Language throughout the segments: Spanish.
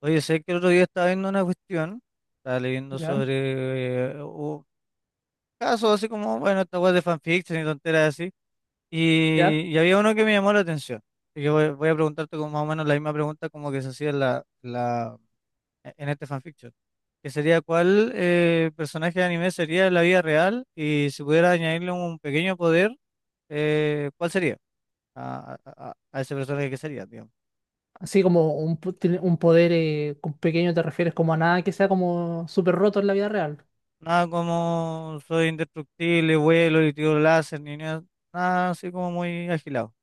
Oye, sé que el otro día estaba viendo una cuestión, estaba leyendo ¿Ya? sobre casos así como, bueno, esta web de fanfiction y tonteras así, ¿Ya? y había uno que me llamó la atención. Así que voy a preguntarte como más o menos la misma pregunta como que se hacía en, la- e, en este fanfiction, que sería cuál personaje de anime sería en la vida real y si pudiera añadirle un pequeño poder, ¿cuál sería a ese personaje que sería, digamos? Así como un, po- tiene un poder, con pequeño te refieres como a nada que sea como súper roto en la vida real. Nada como soy indestructible, vuelo y tiro láser, ni nada, nada así como muy agilado.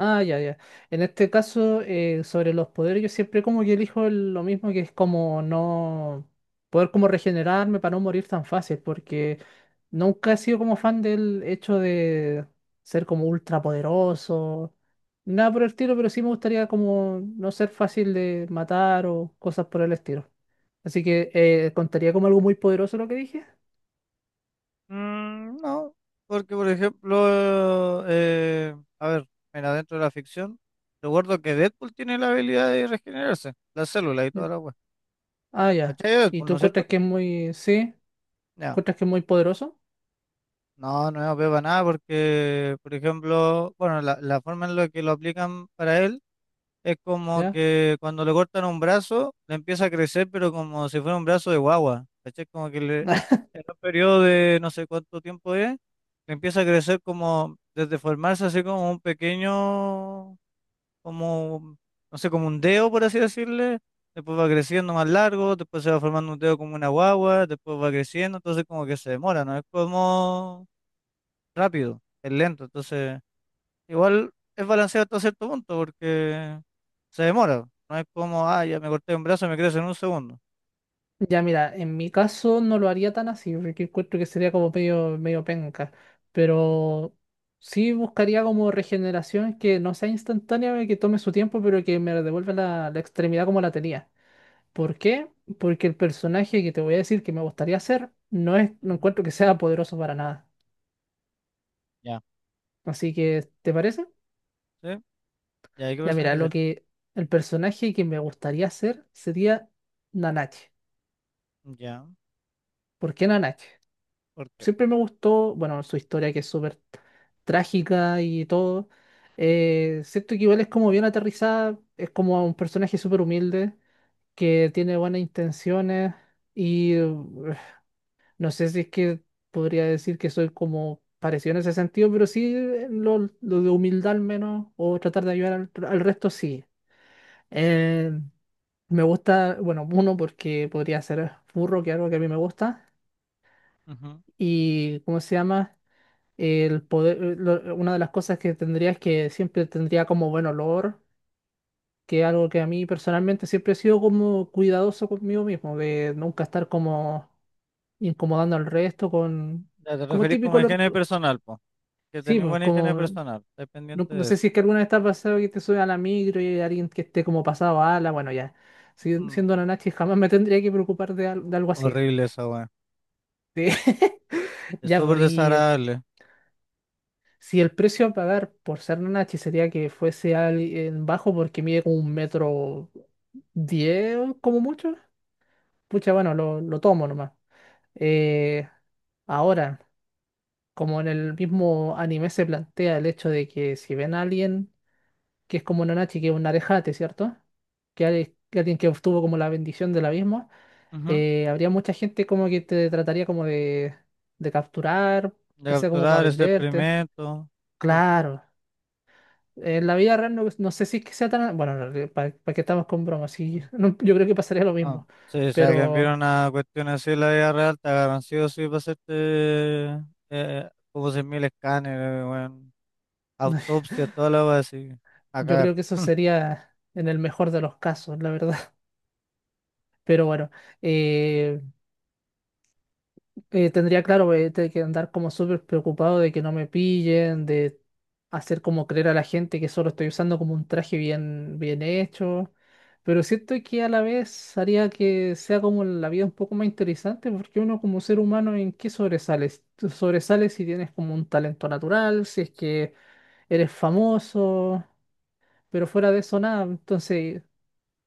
Ah, ya, ya. En este caso, sobre los poderes, yo siempre como que elijo el- lo mismo, que es como no poder como regenerarme para no morir tan fácil, porque nunca he sido como fan del hecho de ser como ultra poderoso, nada por el estilo, pero sí me gustaría como no ser fácil de matar o cosas por el estilo. Así que contaría como algo muy poderoso lo que dije. No, porque por ejemplo, a ver, mira, dentro de la ficción, recuerdo que Deadpool tiene la habilidad de regenerarse, las células y toda Mm. la wea. Ah, ya. ¿Cachai? De ¿Y Deadpool, tú ¿no es cierto? encuentras que es muy, sí? Ya. ¿Encuentras que es muy poderoso? No, no es OP para nada porque, por ejemplo, bueno, la forma en la que lo aplican para él es como ¿Ya? que cuando le cortan un brazo, le empieza a crecer, pero como si fuera un brazo de guagua. ¿Cachai? Como que le, en un periodo de no sé cuánto tiempo es, le empieza a crecer como, desde formarse así como un pequeño, como, no sé, como un dedo, por así decirle. Después va creciendo más largo, después se va formando un dedo como una guagua, después va creciendo, entonces como que se demora, ¿no? Es como rápido, es lento. Entonces, igual es balanceado hasta cierto punto, porque se demora. No es como, ah, ya me corté un brazo, y me crece en un segundo. Ya mira, en mi caso no lo haría tan así, porque encuentro que sería como medio penca, pero sí buscaría como regeneración que no sea instantánea, que tome su tiempo, pero que me devuelva la extremidad como la tenía. ¿Por qué? Porque el personaje que te voy a decir que me gustaría hacer no es, no Ujú. encuentro que sea poderoso para nada. Ya. Así que, ¿te parece? ¿Sí? Ya, ¿y ahí qué Ya mira, personaje lo sería? que el personaje que me gustaría hacer sería Nanache. Ya, ¿Por qué Nanache? ¿por qué? Siempre me gustó, bueno, su historia, que es súper trágica y todo. Siento que igual es como bien aterrizada, es como un personaje súper humilde, que tiene buenas intenciones y no sé si es que podría decir que soy como parecido en ese sentido, pero sí, lo de humildad al menos, o tratar de ayudar al, al resto, sí. Eh, Me gusta, bueno, uno porque podría ser burro, que es algo que a mí me gusta, Ujú. y ¿cómo se llama? El poder, lo- una de las cosas que tendría es que siempre tendría como buen olor, que es algo que a mí personalmente siempre he sido como cuidadoso conmigo mismo, de nunca estar como incomodando al resto con, Ya te como referís como típico a olor, higiene co- personal, po. Que sí, tenés pues buena higiene como, personal. Estás no, pendiente no de sé eso. si es que alguna vez te ha pasado que te sube a la micro y hay alguien que esté como pasado a ala, bueno, ya, si- Mm. siendo una nachi jamás me tendría que preocupar de, al- de algo así. Horrible esa weá. Sí. Es Ya, súper pues, y desagradable. si el precio a pagar por ser Nanachi sería que fuese alguien bajo porque mide como un metro diez, como mucho, pucha, bueno, lo tomo nomás. Eh, Ahora, como en el mismo anime se plantea el hecho de que si ven a alguien que es como Nanachi, que es un arejate, ¿cierto? Que, ale- que alguien que obtuvo como la bendición del abismo, Ujú. Habría mucha gente como que te trataría como de capturar, De ya sea como para capturar ese venderte. experimento. Sí, Claro. En la vida real no, no sé si es que sea tan... Bueno, para, que estamos con bromas, sí, ujú. no, yo creo que pasaría lo No. mismo, Sí, si alguien viera pero una cuestión así en la vida real, te agarran sí o sí para hacerte como 100.000 escáneres, weón, autopsia, toda la va así, a yo cagar. creo que eso sería en el mejor de los casos, la verdad. Pero bueno, eh, tendría claro, te- que andar como súper preocupado de que no me pillen, de hacer como creer a la gente que solo estoy usando como un traje bien, bien hecho. Pero siento que a la vez haría que sea como la vida un poco más interesante, porque uno como ser humano, ¿en qué sobresales? Tú sobresales si tienes como un talento natural, si es que eres famoso, pero fuera de eso nada. Entonces,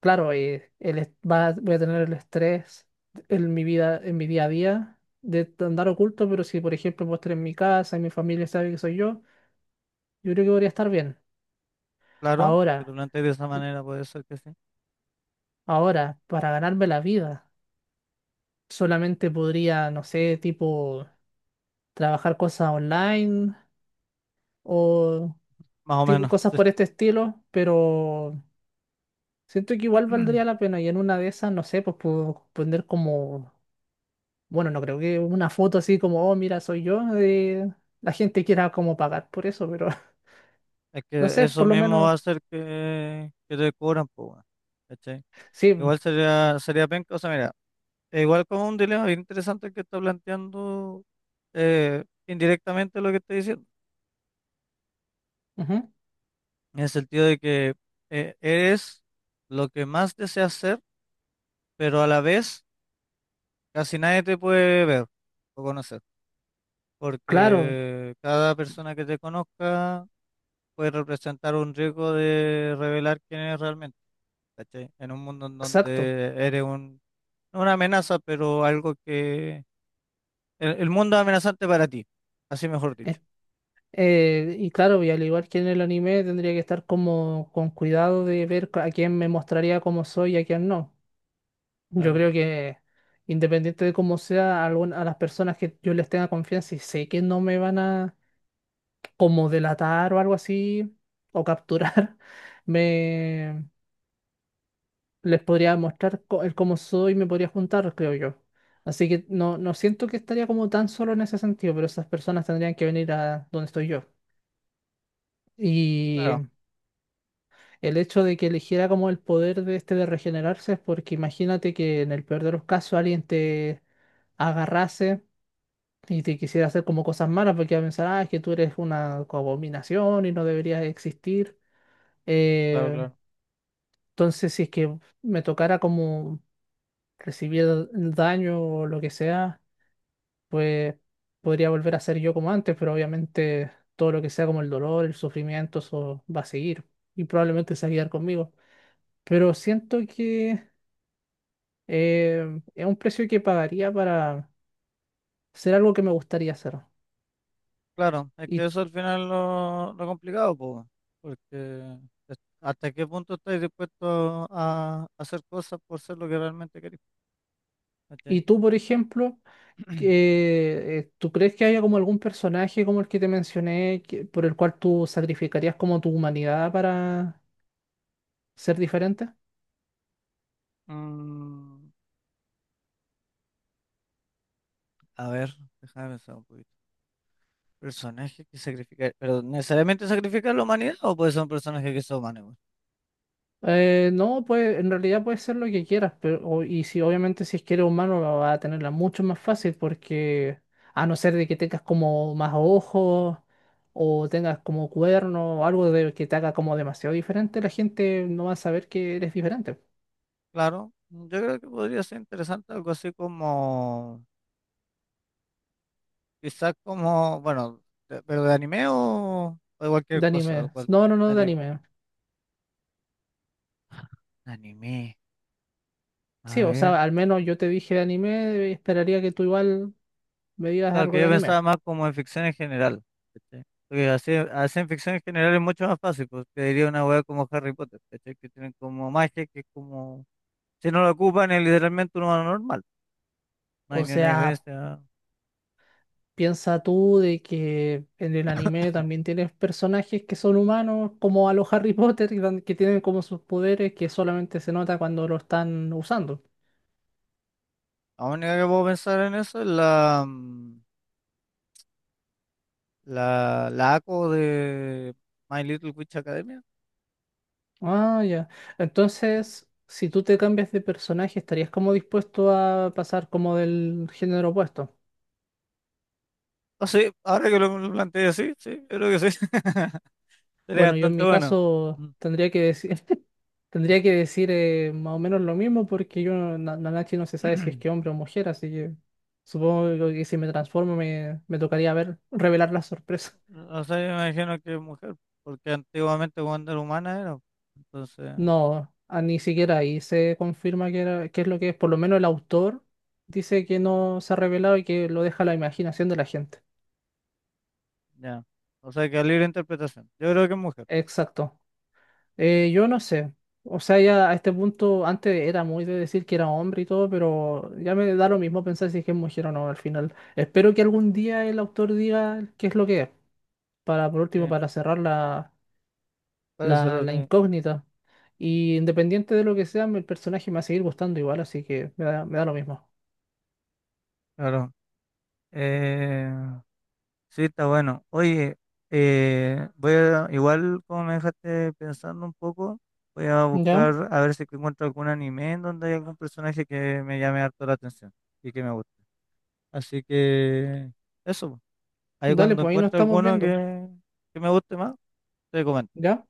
claro, el est- va- voy a tener el estrés en mi vida, en mi día a día de andar oculto, pero si por ejemplo puedo estar en mi casa y mi familia sabe que soy yo, yo creo que podría estar bien. Claro, si lo Ahora, planteas de esa manera, puede ser que sí. Ahora, para ganarme la vida, solamente podría, no sé, tipo trabajar cosas online o Más o tipo menos, cosas sí. por este estilo, pero siento que igual valdría la pena y en una de esas, no sé, pues puedo poner como bueno, no creo que una foto así como, oh, mira, soy yo, la gente quiera como pagar por eso, pero Es no que sé, eso por lo mismo va menos, a hacer que te cobran, pues, weón, ¿cachai? sí, Igual sería penca, o sea, mira, es igual como un dilema bien interesante que está planteando indirectamente lo que estoy diciendo, ujú, en el sentido de que eres lo que más deseas ser, pero a la vez casi nadie te puede ver o conocer. claro, Porque cada persona que te conozca puede representar un riesgo de revelar quién eres realmente, ¿cachai? En un mundo en exacto. donde eres un, no una amenaza, pero algo que... El mundo es amenazante para ti, así mejor dicho. Eh, y claro, y al igual que en el anime, tendría que estar como con cuidado de ver a quién me mostraría cómo soy y a quién no. Yo Claro. creo que independiente de cómo sea, algún- a las personas que yo les tenga confianza y sé que no me van a como delatar o algo así, o capturar, me... les podría mostrar co- el cómo soy, me podría juntar, creo yo. Así que no, no siento que estaría como tan solo en ese sentido, pero esas personas tendrían que venir a donde estoy yo. Y Claro. el hecho de que eligiera como el poder de este de regenerarse es porque imagínate que en el peor de los casos alguien te agarrase y te quisiera hacer como cosas malas porque iba a pensar, ah, es que tú eres una abominación y no deberías existir. Claro, claro, Eh, claro. entonces, si es que me tocara como recibir daño o lo que sea, pues podría volver a ser yo como antes, pero obviamente todo lo que sea como el dolor, el sufrimiento, eso va a seguir y probablemente se va a quedar conmigo. Pero siento que es un precio que pagaría para hacer algo que me gustaría hacer. Claro, es que Y, eso al final lo complicado, po, porque hasta qué punto estás dispuesto a hacer cosas por ser lo que realmente querés, ¿cachai? y tú, por ejemplo, que, ¿tú crees que haya como algún personaje como el que te mencioné que- por el cual tú sacrificarías como tu humanidad para ser diferente? Mm, a ver, déjame pensar un poquito. Personaje que sacrifica, pero ¿necesariamente sacrifica la humanidad o puede ser un personaje que sea humano? No, pues en realidad puede ser lo que quieras, pero o- y si obviamente si es que eres humano va a tenerla mucho más fácil porque a no ser de que tengas como más ojos o tengas como cuerno o algo de que te haga como demasiado diferente, la gente no va a saber que eres diferente. Claro, yo creo que podría ser interesante algo así como, quizás como, bueno, pero de anime o de cualquier De cosa, anime. No, no, de no, de anime. anime. De anime, a Sí, o ver. sea, al menos yo te dije de anime, esperaría que tú igual me digas Claro, algo que de yo anime. pensaba más como en ficción en general. ¿Cachai? Porque así en ficción en general es mucho más fácil, porque diría una hueá como Harry Potter, ¿cachai? Que tienen como magia, que es como... Si no la ocupan es literalmente un humano normal. No hay O ni una sea, diferencia. piensa tú de que en el anime también tienes personajes que son humanos, como a los Harry Potter, que tan- que tienen como sus poderes que solamente se nota cuando lo están usando. La única que puedo pensar en eso es la, mm, la ACO de My Little Witch Academia. Ah, ya. Entonces, si tú te cambias de personaje, ¿estarías como dispuesto a pasar como del género opuesto? Ah, sí, ahora que lo planteé así, sí, yo creo que sí. Sería Bueno, yo en bastante mi bueno. caso Mm. tendría que decir, tendría que decir, más o menos lo mismo porque yo, no, Na- Nanachi no se sabe si es que hombre o mujer, así que supongo que si me transformo me, me tocaría ver, revelar la sorpresa. O sea, yo me imagino que es mujer, porque antiguamente cuando era humana era. Entonces, No, ah, ni siquiera ahí se confirma que era, qué es lo que es. Por lo menos el autor dice que no se ha revelado y que lo deja a la imaginación de la gente. ya. O sea, que a libre interpretación. Yo creo que es mujer. Exacto. Yo no sé. O sea, ya a este punto, antes era muy de decir que era hombre y todo, pero ya me da lo mismo pensar si es que es mujer o no al final. Espero que algún día el autor diga qué es lo que es, para por Sí, último, para cerrar parece la, la raro, incógnita. Y independiente de lo que sea, el personaje me va a seguir gustando igual, así que me da lo mismo. claro. Eh, Sí, está bueno. Oye, igual como me dejaste pensando un poco, voy a ¿Ya? buscar a ver si que encuentro algún anime en donde hay algún personaje que me llame harto la atención y que me guste. Así que eso, po. Ahí Dale, cuando pues ahí nos encuentro estamos alguno viendo. que me guste más, te comento. ¿Ya?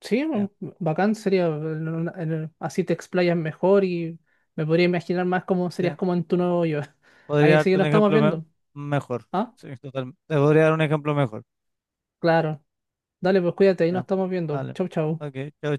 Sí, Ya, un- bacán sería, en una- en el- así te explayas mejor y me podría imaginar más cómo serías sí. como en tu nuevo yo. Podría Ahí sí que darte un nos estamos ejemplo viendo. mejor. Ah, Sí, totalmente. Te podría dar un ejemplo mejor. claro. Dale, pues cuídate, ahí nos Ya, estamos viendo. vale. Chau, chau. Ok, chao, chao.